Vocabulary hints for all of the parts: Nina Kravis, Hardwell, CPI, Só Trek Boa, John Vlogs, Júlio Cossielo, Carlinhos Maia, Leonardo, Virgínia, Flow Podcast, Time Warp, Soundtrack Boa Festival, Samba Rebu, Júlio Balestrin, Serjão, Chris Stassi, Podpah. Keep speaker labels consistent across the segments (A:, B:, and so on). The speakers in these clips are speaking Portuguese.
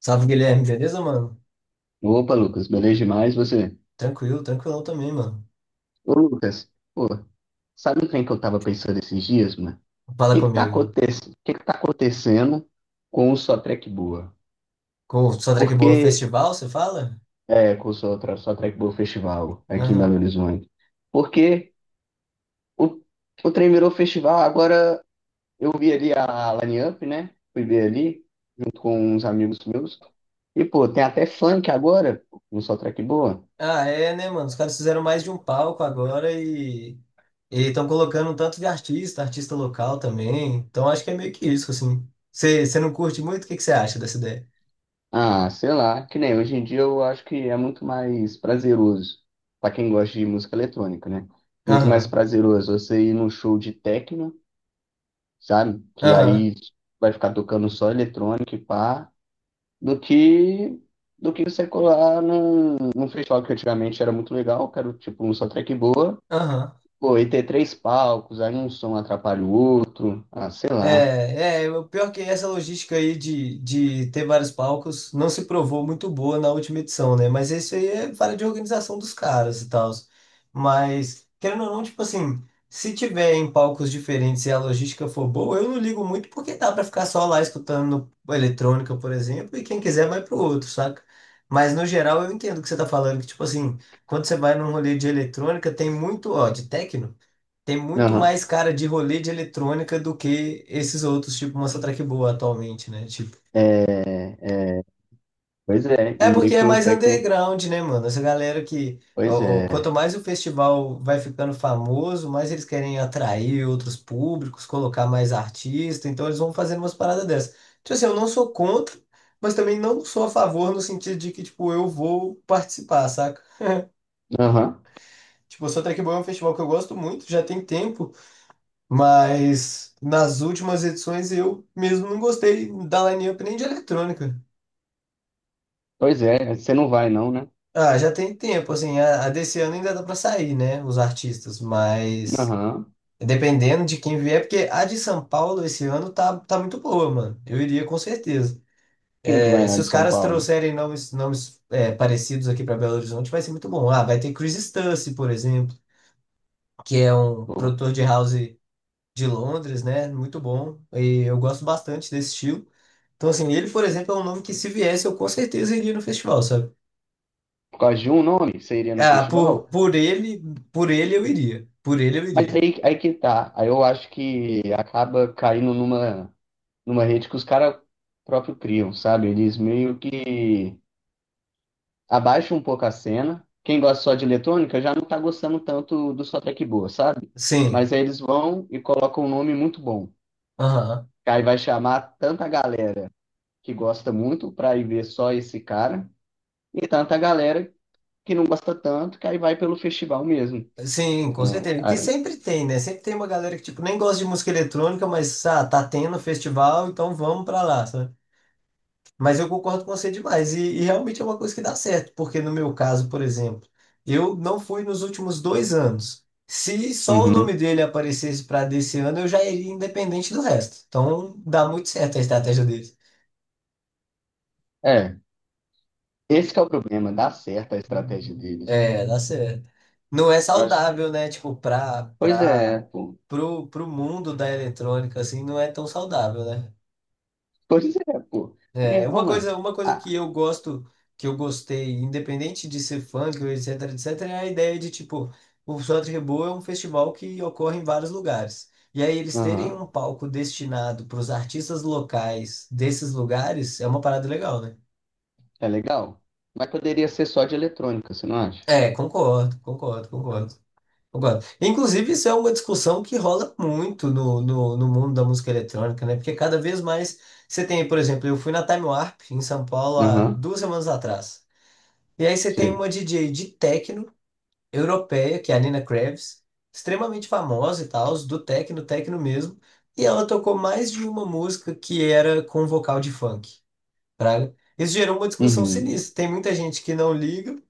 A: Salve, Guilherme, beleza, mano?
B: Opa, Lucas, beleza demais você?
A: Tranquilo, tranquilão também, mano.
B: Ô, Lucas, pô, sabe um trem que eu tava pensando esses dias, mano? O
A: Fala
B: que
A: comigo.
B: que tá acontecendo com o Só Trek Boa?
A: Com o Soundtrack Boa
B: Porque,
A: Festival, você fala?
B: é, com o Só, Só Trek Boa Festival aqui em Belo
A: Aham.
B: Horizonte? Porque o, o trem virou festival, agora eu vi ali a Line Up, né? Fui ver ali, junto com uns amigos meus. E, pô, tem até funk agora no Só Trek Boa.
A: Ah, é, né, mano? Os caras fizeram mais de um palco agora e estão colocando um tanto de artista, artista local também. Então acho que é meio que isso, assim. Você não curte muito? O que que você acha dessa ideia?
B: Ah, sei lá, que nem hoje em dia eu acho que é muito mais prazeroso para quem gosta de música eletrônica, né? Muito mais
A: Aham,
B: prazeroso você ir num show de techno, sabe? Que
A: aham,
B: aí vai ficar tocando só eletrônica e pá, do que do que você colar num festival que antigamente era muito legal, que era tipo um só track boa,
A: aham.
B: pô, e ter três palcos, aí um som atrapalha o outro, ah, sei lá.
A: É, é, o pior que essa logística aí de ter vários palcos não se provou muito boa na última edição, né? Mas isso aí é falha de organização dos caras e tal. Mas, querendo ou não, tipo assim, se tiver em palcos diferentes e a logística for boa, eu não ligo muito porque dá pra ficar só lá escutando eletrônica, por exemplo, e quem quiser vai pro outro, saca? Mas no geral eu entendo o que você tá falando, que tipo assim, quando você vai num rolê de eletrônica, tem muito, ó, de techno. Tem muito
B: Aham.
A: mais cara de rolê de eletrônica do que esses outros, tipo Monster Truck Boa atualmente, né? Tipo,
B: É, é, pois é, e
A: é porque
B: meio que
A: é
B: o
A: mais
B: techno,
A: underground, né, mano? Essa galera que.
B: pois
A: Ó, ó,
B: é.
A: quanto mais o festival vai ficando famoso, mais eles querem atrair outros públicos, colocar mais artistas, então eles vão fazendo umas paradas dessas. Tipo assim, eu não sou contra, mas também não sou a favor no sentido de que, tipo, eu vou participar, saca?
B: Aham.
A: Tipo, o Monster Truck Boa é um festival que eu gosto muito, já tem tempo. Mas nas últimas edições eu mesmo não gostei da lineup nem de eletrônica.
B: Pois é, você não vai não, né?
A: Ah, já tem tempo, assim, a desse ano ainda dá pra sair, né, os artistas, mas
B: Aham.
A: dependendo de quem vier, porque a de São Paulo esse ano tá muito boa, mano. Eu iria com certeza.
B: Quem que vai
A: É,
B: lá
A: se
B: de
A: os
B: São
A: caras
B: Paulo?
A: trouxerem nomes, nomes é, parecidos aqui pra Belo Horizonte, vai ser muito bom. Ah, vai ter Chris Stassi, por exemplo, que é um
B: Pô.
A: produtor de house de Londres, né? Muito bom. E eu gosto bastante desse estilo. Então, assim, ele, por exemplo, é um nome que se viesse, eu com certeza iria no festival, sabe?
B: Por causa de um nome, você iria no
A: Ah,
B: festival?
A: por ele eu iria. Por ele eu
B: Mas
A: iria.
B: aí, aí que tá. Aí eu acho que acaba caindo numa, numa rede que os caras próprio criam, sabe? Eles meio que abaixam um pouco a cena. Quem gosta só de eletrônica já não tá gostando tanto do só track boa, sabe?
A: Sim.
B: Mas aí eles vão e colocam um nome muito bom.
A: Aham.
B: Aí vai chamar tanta galera que gosta muito pra ir ver só esse cara e tanta galera que não gosta tanto, que aí vai pelo festival mesmo,
A: Sim, com
B: né?
A: certeza. Que
B: Aí,
A: sempre tem, né? Sempre tem uma galera que, tipo, nem gosta de música eletrônica, mas ah, tá tendo festival, então vamos pra lá, sabe? Mas eu concordo com você demais. E realmente é uma coisa que dá certo, porque no meu caso, por exemplo, eu não fui nos últimos dois anos. Se só o
B: uhum.
A: nome dele aparecesse para desse ano, eu já iria independente do resto. Então dá muito certo a estratégia dele.
B: É, esse que é o problema, dá certo a estratégia deles.
A: É, dá certo. Não é
B: Eu acho,
A: saudável, né? Tipo, pra
B: pois é,
A: pra
B: pô.
A: pro, pro mundo da eletrônica, assim, não é tão saudável, né?
B: Pois é, pô. Porque,
A: É,
B: ô, mano,
A: uma coisa que
B: ah,
A: eu gosto, que eu gostei, independente de ser funk, ou etc, etc, é a ideia de, tipo, o Samba Rebu é um festival que ocorre em vários lugares. E aí eles terem
B: aham,
A: um palco destinado para os artistas locais desses lugares é uma parada legal, né?
B: é legal. Mas poderia ser só de eletrônica, você não acha?
A: É, concordo. Inclusive, isso é uma discussão que rola muito no mundo da música eletrônica, né? Porque cada vez mais você tem, por exemplo, eu fui na Time Warp em São Paulo há
B: Aham,
A: duas semanas atrás. E aí você tem uma
B: sei.
A: DJ de techno europeia, que é a Nina Kravis, extremamente famosa e tal, do techno, techno mesmo. E ela tocou mais de uma música que era com vocal de funk, praga. Isso gerou uma discussão
B: Uhum,
A: sinistra. Tem muita gente que não liga,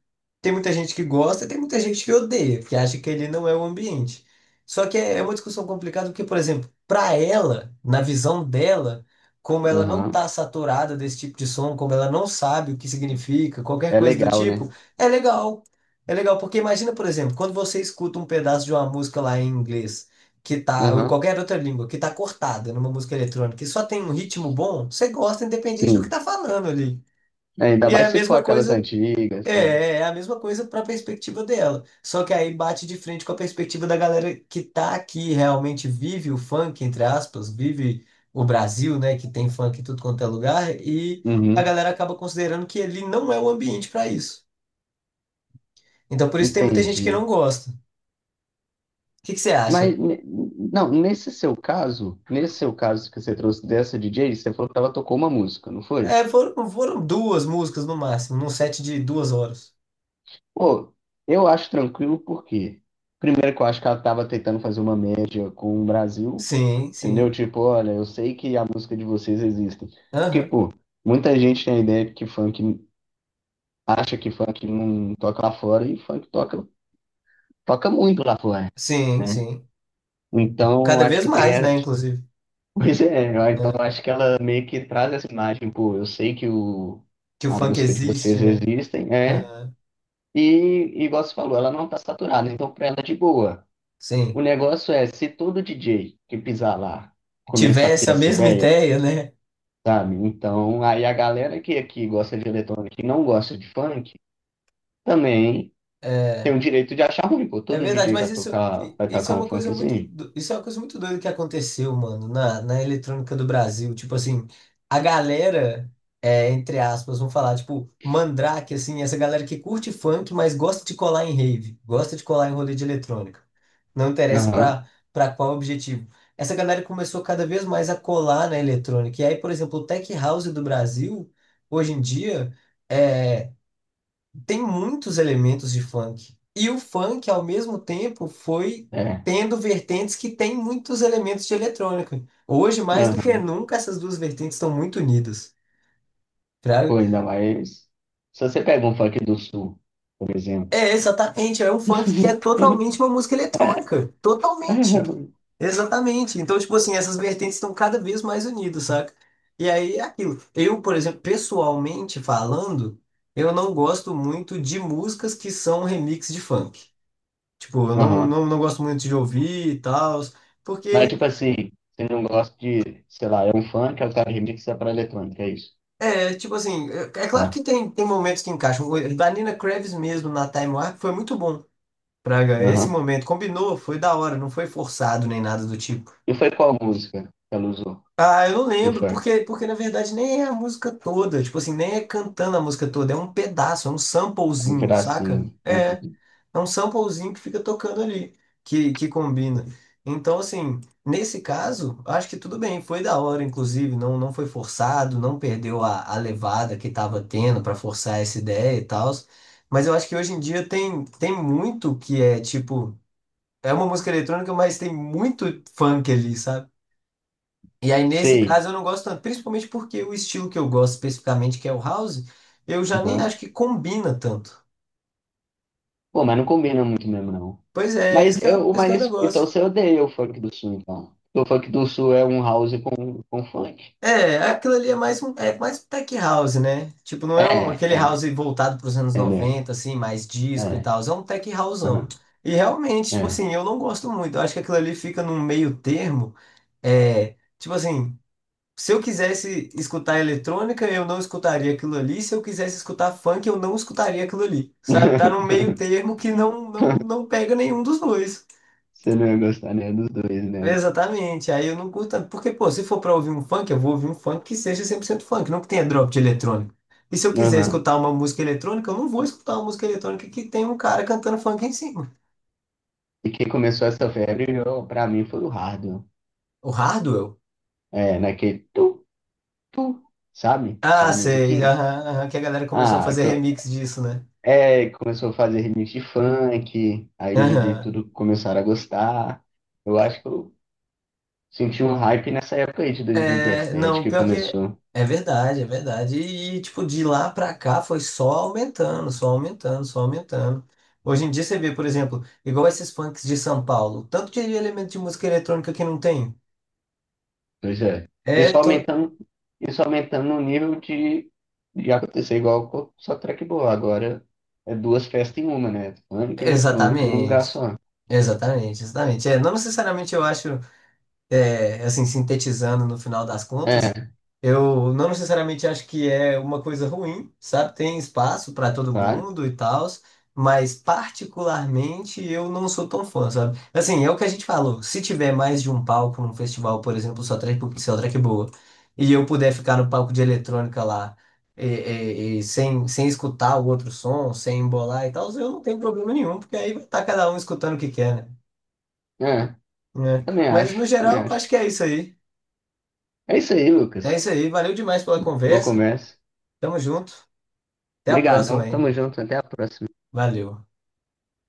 A: tem muita gente que gosta, tem muita gente que odeia, que acha que ele não é o ambiente. Só que é uma discussão complicada, porque, por exemplo, para ela, na visão dela, como ela não
B: aham.
A: tá saturada desse tipo de som, como ela não sabe o que significa, qualquer
B: É
A: coisa do
B: legal,
A: tipo,
B: né?
A: é legal. É legal, porque imagina, por exemplo, quando você escuta um pedaço de uma música lá em inglês, que tá, ou em
B: Aham,
A: qualquer outra língua, que tá cortada numa música eletrônica, e só tem um ritmo bom, você gosta independente do que
B: sim.
A: tá falando ali.
B: É, ainda
A: E é
B: mais
A: a
B: se for
A: mesma
B: aquelas
A: coisa. É,
B: antigas, né?
A: é a mesma coisa para a perspectiva dela. Só que aí bate de frente com a perspectiva da galera que tá aqui, realmente vive o funk, entre aspas, vive o Brasil, né, que tem funk em tudo quanto é lugar, e a
B: Uhum,
A: galera acaba considerando que ele não é o ambiente para isso. Então por isso tem muita gente que
B: entendi.
A: não gosta. O que que você
B: Mas,
A: acha?
B: não, nesse seu caso que você trouxe dessa DJ, você falou que ela tocou uma música, não foi?
A: É, foram duas músicas no máximo, num set de duas horas.
B: Pô, eu acho tranquilo porque, primeiro que eu acho que ela tava tentando fazer uma média com o Brasil,
A: Sim,
B: entendeu?
A: sim.
B: Tipo, olha, eu sei que a música de vocês existe. Porque,
A: Aham.
B: pô, muita gente tem a ideia de que funk, acha que funk não toca lá fora e funk toca, toca muito lá fora,
A: Sim,
B: né?
A: sim.
B: Então,
A: Cada
B: acho
A: vez
B: que tem.
A: mais, né, inclusive,
B: Pois é, então
A: né,
B: eu acho que ela meio que traz essa imagem, pô, eu sei que o,
A: Que o
B: a
A: funk
B: música de
A: existe,
B: vocês
A: né?
B: existem, é,
A: Aham.
B: e e igual você falou, ela não tá saturada, então pra ela é de boa. O
A: Sim.
B: negócio é, se todo DJ que pisar lá começar a
A: Tivesse
B: ter
A: a
B: essa
A: mesma
B: ideia,
A: ideia, né?
B: sabe? Então, aí a galera que aqui gosta de eletrônica e não gosta de funk, também tem
A: É,
B: o direito de achar ruim, pô,
A: é
B: todo
A: verdade,
B: DJ
A: mas isso,
B: vai
A: isso é
B: tocar um
A: uma coisa muito,
B: funkzinho.
A: isso é uma coisa muito doida que aconteceu, mano, na eletrônica do Brasil. Tipo assim, a galera, é, entre aspas, vamos falar, tipo, Mandrake, assim, essa galera que curte funk, mas gosta de colar em rave, gosta de colar em rolê de eletrônica. Não interessa
B: Aham,
A: pra qual objetivo. Essa galera começou cada vez mais a colar na eletrônica. E aí, por exemplo, o Tech House do Brasil, hoje em dia. É tem muitos elementos de funk. E o funk, ao mesmo tempo, foi
B: é,
A: tendo vertentes que têm muitos elementos de eletrônica. Hoje, mais do
B: aham,
A: que nunca, essas duas vertentes estão muito unidas. Fraga?
B: pô, ainda mais, se você pega um funk do sul, por exemplo,
A: É, exatamente. É um funk que é totalmente uma música eletrônica. Totalmente.
B: Aham.
A: Exatamente. Então, tipo assim, essas vertentes estão cada vez mais unidas, saca? E aí é aquilo. Eu, por exemplo, pessoalmente falando, eu não gosto muito de músicas que são remix de funk. Tipo, eu não, não, não gosto muito de ouvir e tal,
B: Mas,
A: porque,
B: tipo assim, você não gosta de, sei lá, é um funk, aí o cara remixa pra eletrônica, é isso.
A: é, tipo assim, é, é claro
B: Tá.
A: que tem, tem momentos que encaixam. O da Nina Kravis mesmo na Time Warp foi muito bom. Praga, esse
B: Aham.
A: momento combinou, foi da hora, não foi forçado nem nada do tipo.
B: E foi qual música que ela usou?
A: Ah, eu não
B: E
A: lembro,
B: foi?
A: porque na verdade nem é a música toda, tipo assim, nem é cantando a música toda, é um pedaço, é um
B: Um
A: samplezinho, saca?
B: pedacinho.
A: É
B: Uhum.
A: É um samplezinho que fica tocando ali, que combina. Então, assim, nesse caso, acho que tudo bem, foi da hora, inclusive, não foi forçado, não perdeu a levada que estava tendo para forçar essa ideia e tal. Mas eu acho que hoje em dia tem muito que é tipo, é uma música eletrônica, mas tem muito funk ali, sabe? E aí, nesse
B: Sei.
A: caso, eu não gosto tanto, principalmente porque o estilo que eu gosto especificamente, que é o house, eu já nem
B: Aham.
A: acho que combina tanto.
B: Pô, mas não combina muito mesmo, não.
A: Pois é,
B: Mas, eu,
A: esse que é o
B: mas então
A: negócio.
B: você odeia o funk do sul, então. O funk do sul é um house com funk.
A: É, aquilo ali é mais um tech house, né? Tipo, não é um,
B: É,
A: aquele house
B: é.
A: voltado para os anos
B: Entendeu?
A: 90 assim, mais disco e
B: É.
A: tal. É um tech houseão.
B: Aham.
A: E realmente, tipo
B: É.
A: assim, eu não gosto muito. Eu acho que aquilo ali fica num meio termo. É, tipo assim, se eu quisesse escutar eletrônica, eu não escutaria aquilo ali. Se eu quisesse escutar funk, eu não escutaria aquilo ali. Sabe? Tá num meio termo que não pega nenhum dos dois.
B: Você não ia gostar nem dos dois, né?
A: Exatamente. Aí eu não curto tanto. Porque, pô, se for pra ouvir um funk, eu vou ouvir um funk que seja 100% funk, não que tenha drop de eletrônico. E se eu quiser
B: Aham.
A: escutar uma música eletrônica, eu não vou escutar uma música eletrônica que tem um cara cantando funk em cima.
B: E quem começou essa febre, eu, pra mim, foi o Hardwell.
A: O Hardwell?
B: É, naquele tu, tu, sabe?
A: Ah,
B: Aquela
A: sei.
B: musiquinha.
A: Aham, aham, que a galera começou a
B: Ah,
A: fazer
B: que
A: remix disso, né?
B: é, começou a fazer remix de funk, aí os DJ
A: Aham.
B: tudo começaram a gostar. Eu acho que eu senti um hype nessa época aí de
A: É,
B: 2017
A: não,
B: que
A: pior que
B: começou.
A: é verdade, é verdade. E, tipo, de lá pra cá foi só aumentando, só aumentando, só aumentando. Hoje em dia você vê, por exemplo, igual esses punks de São Paulo, tanto de elemento de música eletrônica que não tem.
B: Pois é. Isso
A: É, to...
B: aumentando, isso aumentando o nível de acontecer igual com- só track boa. Agora é duas festas em uma, né? Funk e eletrônico em um lugar
A: exatamente.
B: só.
A: Exatamente, exatamente. É, não necessariamente eu acho. É, assim, sintetizando no final das contas, eu não necessariamente acho que é uma coisa ruim, sabe? Tem espaço para todo
B: Claro.
A: mundo e tal, mas particularmente eu não sou tão fã, sabe? Assim, é o que a gente falou, se tiver mais de um palco num festival, por exemplo, só track boa, e eu puder ficar no palco de eletrônica lá, e, e sem escutar o outro som, sem embolar e tal, eu não tenho problema nenhum, porque aí vai estar cada um escutando o que quer, né?
B: É.
A: Né?
B: Também
A: Mas no
B: acho, também
A: geral,
B: acho.
A: acho que é isso aí.
B: É isso aí,
A: É
B: Lucas.
A: isso aí, valeu demais pela
B: Boa
A: conversa.
B: conversa.
A: Tamo junto. Até a
B: Obrigadão,
A: próxima, hein?
B: tamo junto, até a próxima.
A: Valeu.